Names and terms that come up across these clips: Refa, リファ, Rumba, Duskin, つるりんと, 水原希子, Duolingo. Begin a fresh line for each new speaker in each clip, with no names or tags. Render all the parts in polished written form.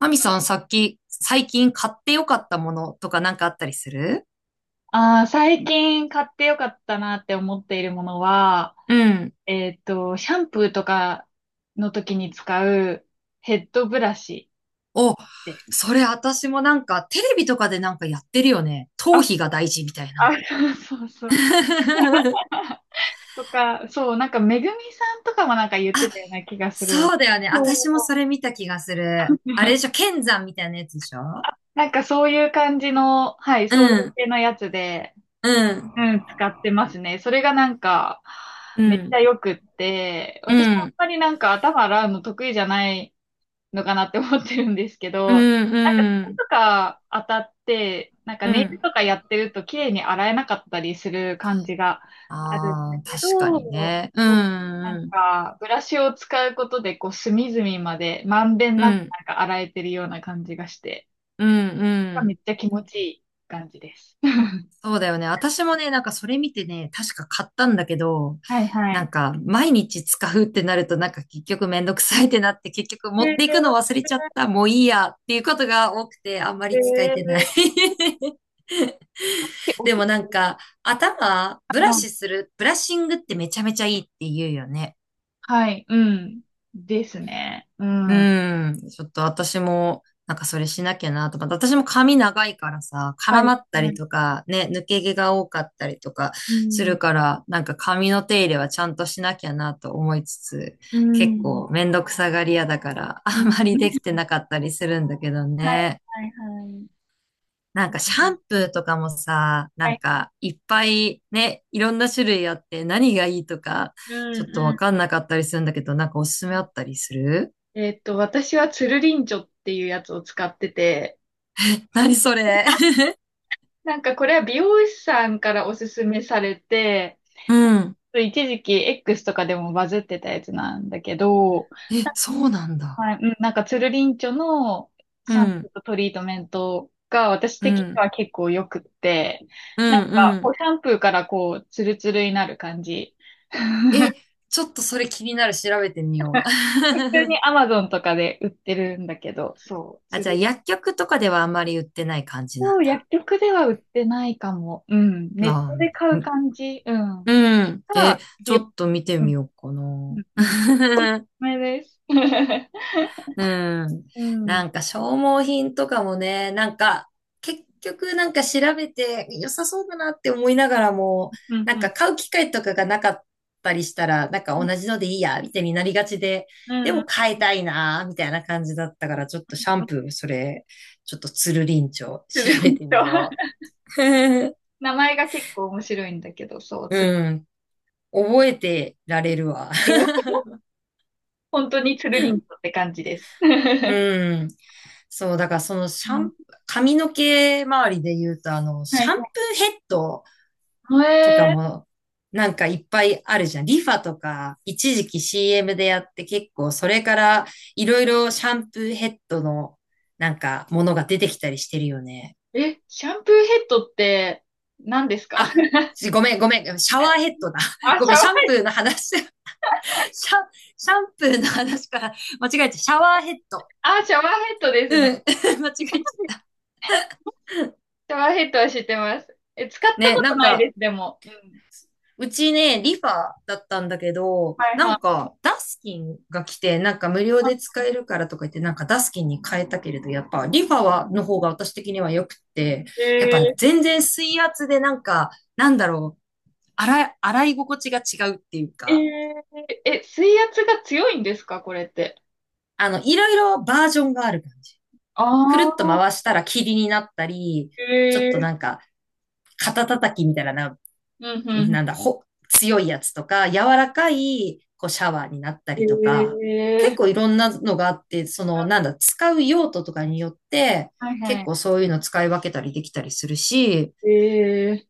マミさん、さっき、最近買ってよかったものとかあったりする？
ああ、最近買ってよかったなって思っているものは、
うん。
シャンプーとかの時に使うヘッドブラシ
お、
です。
それ私も、テレビとかでやってるよね。
あ、
頭皮が大事みたいな。
あ、そうそう とか、そう、なんかめぐみさんとかもなんか言ってたような気がする。
そうだよね。私も
そ
それ見た気がする。
う。
あれ でしょ、剣山みたいなやつでしょ？
なんかそういう感じの、はい、
う
そういう
ん、
系のやつで、
うん、
うん、使ってますね。それがなんか、
う
めっち
ん、
ゃ良くって、
う
私もあん
ん、
まりなんか頭洗うの得意じゃないのかなって思ってるんですけ
う
ど、
ん、
なんか、
う
手
ん、
とか当たって、なんか
う
ネイル
ん。
とかやってると綺麗に洗えなかったりする感じがあるんだ
ああ、
け
確かに
ど、
ね。
な
う
ん
ん、
か、ブラシを使うことで、こう、隅々まで、まんべん
うん、
な
う
く、
ん、
なんか洗えてるような感じがして、
うん、う
めっ
ん。
ちゃ気持ちいい感じです。
そうだよね。私もね、なんかそれ見てね、確か買ったんだけど、
はいは
な
い。
んか毎日使うってなると結局めんどくさいってなって、結局
へ
持っ
え
ていくの忘れちゃった、もういいやっていうことが多くて、あんま
ー、
り使え
へー
てない。
でお
で
き
もな
は
んか、頭ブ
い
ラ
はい。
シする、ブラッシングってめちゃめちゃいいって言うよね。
はい、うん。ですね。う
う
ん。は
ん。ちょっと私も、なんかそれしなきゃなとか。私も髪長いからさ、
い。
絡
はい
まったりとか、ね、抜け毛が多かったりとか
う
す
ん
るから、なんか髪の手入れはちゃんとしなきゃなと思いつつ、
う
結
ん。
構めんどくさがり屋だから、あ
う
ん
ん。
まりできて なかったりするんだけど
はい、
ね。
はい、はい。
なん
う
かシャ
ん
ンプーとかもさ、な
は
ん
い。
かいっぱいね、いろんな種類あって何がいいとか、
うん、
ちょっと
う
わ
ん。
かんなかったりするんだけど、なんかおすすめあったりする？
私はつるりんちょっていうやつを使ってて、
何それ？
なんかこれは美容師さんからおすすめされて、
うん、
一時期 X とかでもバズってたやつなんだけど、
え、そうなん
は
だ。
い、うん、なんかつるりんちょの
う
シャンプー
ん、
とトリートメントが私
う
的に
ん、
は結構良くって、
う
なん
ん、う
かこう
ん。
シャンプーからこうツルツルになる感じ。
え、ちょっとそれ気になる。調べてみよう。
普通に アマゾンとかで売ってるんだけど、そう、
あ、じ
釣
ゃあ
り。
薬局とかではあんまり売ってない感じなん
そう
だ。
薬局では売ってないかも。うん。ネッ
まあ、
トで買
う
う
ん、
感じ。うん。
うん。
た
え、
だ、
ち
美
ょ
容
っと見て
うん、
みようか
う
な。
ん、うん。おすす めです。
う ん。
うん。う
な
ん、
んか消耗品とかもね、なんか結局なんか調べて良さそうだなって思いながらも、
う
なんか
ん。
買う機会とかがなかったりしたら、なんか
うん、
同じのでいいや、みたいになりがちで。
う
で
ん。
も買いたいな、みたいな感じだったから、ちょっとシャンプー、それ、ちょっとつるりんちょ、
つ
調
るり
べ
んと。
てみよ う。
名前が結構面白いんだけど、そう、つる
うん。覚えてられるわ。
りんと。本当につるりんとって感じです。う
うん。そう、だからそのシャン、
ん
髪の毛周りで言うと、あの、
は
シ
い
ャンプーヘッド
はい。
とか
へえ
も、なんかいっぱいあるじゃん。リファとか、一時期 CM でやって結構、それからいろいろシャンプーヘッドの、なんか、ものが出てきたりしてるよね。
え、シャンプーヘッドって何ですか？
あ、ごめん、ごめん、シャワーヘッドだ。
あ、
ご
シ
めん、
ャ
シャン
ン
プーの話、シャンプーの話から間違えて、シャワーヘッド。
あ、シャワーヘッドですね。
うん、間違えち ゃっ
シャワーヘッドは知ってます。え、使っ
た。
た
ね、
こ
な
と
ん
ないで
か、
す、でも。うん。
うちね、リファだったんだけど、
はい
なん
は
か、ダスキンが来て、なんか無料で使えるからとか言って、なんかダスキンに変えたけれど、やっぱリファは、の方が私的には良くって、
い。
やっぱ全然水圧でなんか、なんだろう、洗い心地が違うっていうか、
水圧が強いんですか、これって。
あの、いろいろバージョンがある感じ。
あ
くるっと
あ、
回したら霧になったり、ちょっ
え
と
ー、
なんか、肩叩きみたいな、
うん、うん、
なんだ、ほ、強いやつとか、柔らかい、こう、シャワーになった
う
りと
ん
か、
え
結
ー、
構いろんなのがあって、その、なんだ、使う用途とかによって、
はい
結
は
構そういうの使い分けたりできたりするし、
い。えー、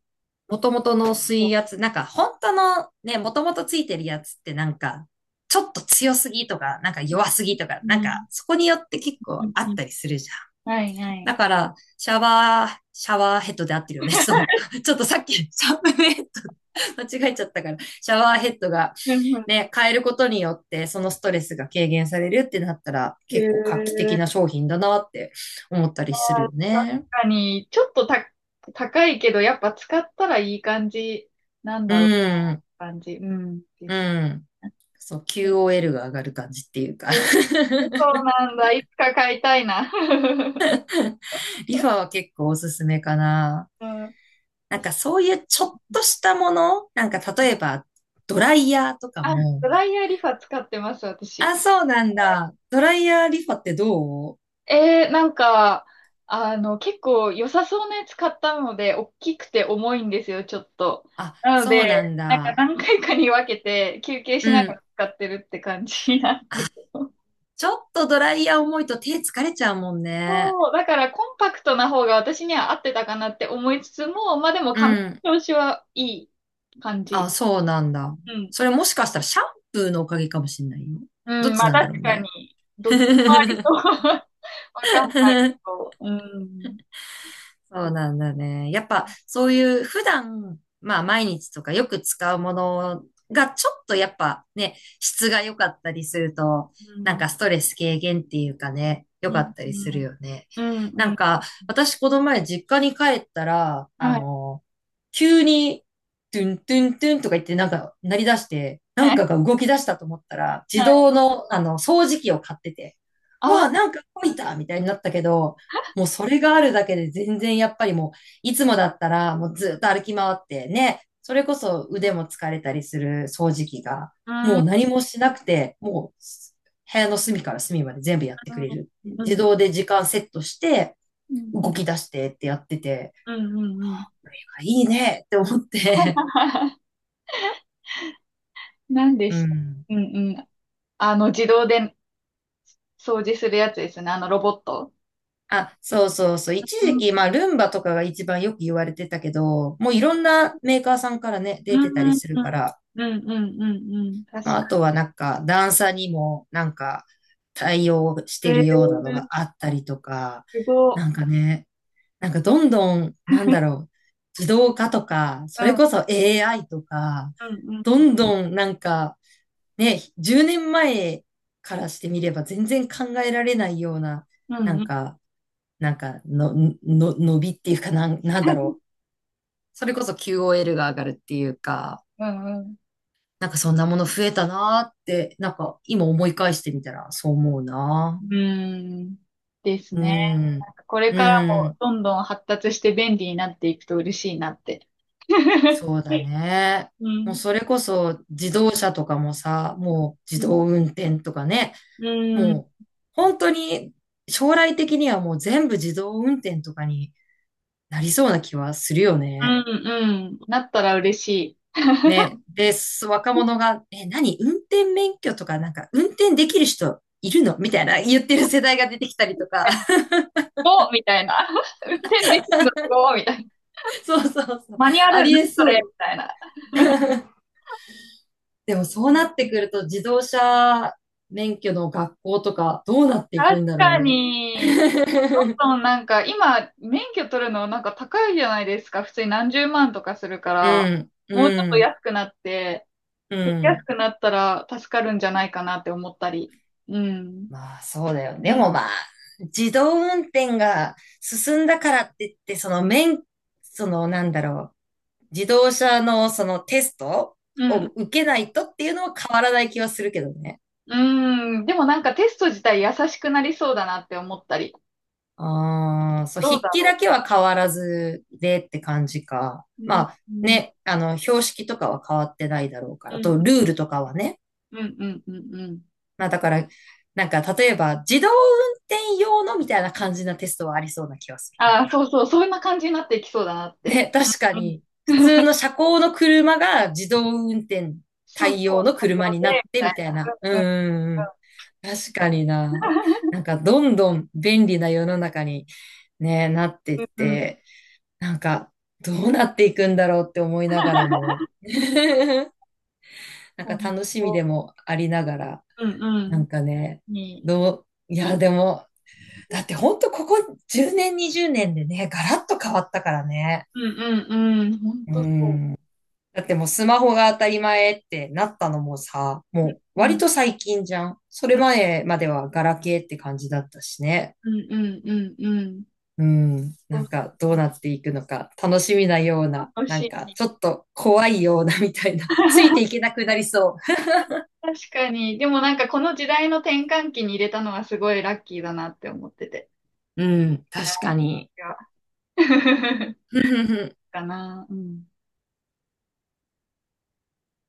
元々の
そ
水圧、なんか本当のね、元々ついてるやつってなんか、ちょっと強すぎとか、なんか弱すぎとか、
う
なん
う
か
ん、
そこによって結
う
構
ん、
あ
う
っ
ん
たりするじゃん。
はいは
だ
い。
から、シャワーヘッドで合ってるよね。そう。ちょっとさっき、シャンプーヘッド 間違えちゃったから、シャワーヘッドが
うん、うん
ね、変えることによって、そのストレスが軽減されるってなったら、結構画期
え
的な商品だなって思ったり
あ
するよ
ー確
ね。
かに、ちょっとた、高いけど、やっぱ使ったらいい感じなん
う
だろう
ん、
な、感じ。うん、で
う
す
ん。そう、
ね。
QOL が上がる感じっていうか。
え ーそうなんだ。いつか買いたいな。
リファは結構おすすめかな。
うん、
なんかそういうちょっとしたもの、なんか例えば、ドライヤーとか
あ、
も。
ドライヤーリファ使ってます、私。
あ、そうなんだ。ドライヤーリファってどう？
なんか、あの、結構良さそうなやつ買ったので、大きくて重いんですよ、ちょっと。
あ、
なの
そ
で、
うなん
なんか
だ。
何回かに分けて休憩
う
しながら
ん。
使ってるって感じなんだけど。
ちょっとドライヤー重いと手疲れちゃうもんね。
そう、だからコンパクトな方が私には合ってたかなって思いつつも、まあでも
う
髪
ん。
の調子はいい感
あ、
じ。
そうなんだ。
うん。
それ、もしかしたらシャンプーのおかげかもしんないよ。ど
う
っ
ん、ま
ち
あ
なんだ
確
ろう
か
ね。
に、どっちもありと わかんないけど。うん。
そう
う
なんだね。やっぱそういう普段、まあ毎日とかよく使うものがちょっとやっぱね、質が良かったりすると、
う
なん
ん。
かストレス軽減っていうかね、良
う
か
ん。
った
う
りする
ん。
よね。
うん。
な
う
ん
ん
か私、この前実家に帰ったら、あ
はい。
の、急にトゥントゥントゥンとか言って、なんか鳴り出して、な
は
ん
い。
かが動き出したと思ったら、自
はい。
動のあの掃除機を買ってて、
あ
わあ、
あ。
なんか動いたみたいになったけど、もうそれがあるだけで全然やっぱりもう、いつもだったらもうずっと歩き回ってね、それこそ腕も疲れたりする掃除機が、
う
も
ん。
う何もしなくて、もう部屋の隅から隅まで全部やってくれる。
う
自
ん。
動で時間セットして、
うん。う
動
ん。
き出してってやってて、
うん。うんうん
いいねって思って。
何 で
う
した
ん。
うんうん。あの、自動で掃除するやつですね。あのロボット。
あ、そうそうそう。一時期、まあ、ルンバとかが一番よく言われてたけど、もういろんなメーカーさんからね、
う
出て
ん、
たり
うん、
する
うん、
から。
うん、うんうん。確
まあ、あ
か
とはなんか段差にもなんか対応し
に。
てるようなのがあったりとか、
すご
な
い。
んかね、なんかどんどん、なんだろう、自動化とか、
う
それ
ん、
こそ AI とか、
うん、
どんどんなんかね、10年前からしてみれば全然考えられないような、
うん、う
な
ん、う
ん
ん、
か、なんかの伸びっていうか、なんだろう。それこそ QOL が上がるっていうか、
うん。
なんかそんなもの増えたなーって、なんか今思い返してみたらそう思うな。
うんです
う
ね。
ん。
なんかこれから
う
も
ん。
どんどん発達して便利になっていくと嬉しいなって。
そうだね。
う
もう
ん、
それこそ自動車とかもさ、もう
う
自
ん、
動運転とかね、
うん、
もう本当に、将来的にはもう全部自動運転とかになりそうな気はするよ
うん、
ね。
うんなったら嬉しい。
ね。で、若者が、え、何、運転免許とか、なんか運転できる人いるの、みたいな言ってる世代が出てきたりとか。
おみたいな。運転できるのすごいみたいな。
そうそうそう。
マニュア
あ
ル、
り
何
え
そ
そ
れみ
う。
たいな。
でもそうなってくると、自動車免許の学校とかどうなっていく
確
んだろう
か
ね。
に。どんどんなんか今免許取るのなんか高いじゃないですか。普通に何十万とかするから、
うん、
もうち
う
ょっと
ん、
安くなって、
う
安
ん。
くなったら助かるんじゃないかなって思ったり。うん。
まあそうだよ。
う
で
ん。
もまあ、自動運転が進んだからって言って、その免、そのなんだろう、自動車のそのテスト
う
を
ん。
受けないとっていうのは変わらない気はするけどね。
うんでもなんかテスト自体優しくなりそうだなって思ったり。
ああ、そう、
どう
筆
だ
記
ろ
だけは変わらずでって感じか。
う。う
ま
ん。
あ
うん。
ね、あの、標識とかは変わってないだろうか
う
ら、
ん。
と、ルールとかはね。
うん。うん。うん。うん
まあだから、なんか、例えば、自動運転用のみたいな感じなテストはありそうな気がする。なん
ああ、そ
か。
うそう。そんな感じになっていきそうだなって。
ね、確か
うん。うん
に、普通の車高の車が自動運転
そうそう。
対応の車
作
に
業
な
で、
っ
み
て
たい
みたいな。う
な。うん。
ーん。確かにな。なんか、どんどん便利な世の中に、ね、なって
う
っ
ん。
て、なんか、どうなっていくんだろうって思いながらも、なん
うん。
か
うん。
楽しみでもありながら、
うん。うん。うん。う
な
ん
んかね、
ねえ
どう、いや、でも、だってほんとここ10年、20年でね、ガラッと変わったからね。
うんうんうん。ほん
う
とそう。
ん。だってもうスマホが当たり前ってなったのもさ、
うん
もう割と最近じゃん。それ
うん
前まではガラケーって感じだったしね。
うんうんうんうん。
うん、
そ
な
う
んかどう
そう。
なっていくのか、楽しみなような、
楽
な
し
ん
い
か
ね。
ちょっと怖いようなみたいな、ついてい けなくなりそ
確かに。でもなんかこの時代の転換期に入れたのはすごいラッキーだなって思ってて。
う。うん、確かに。
いや かな。うん。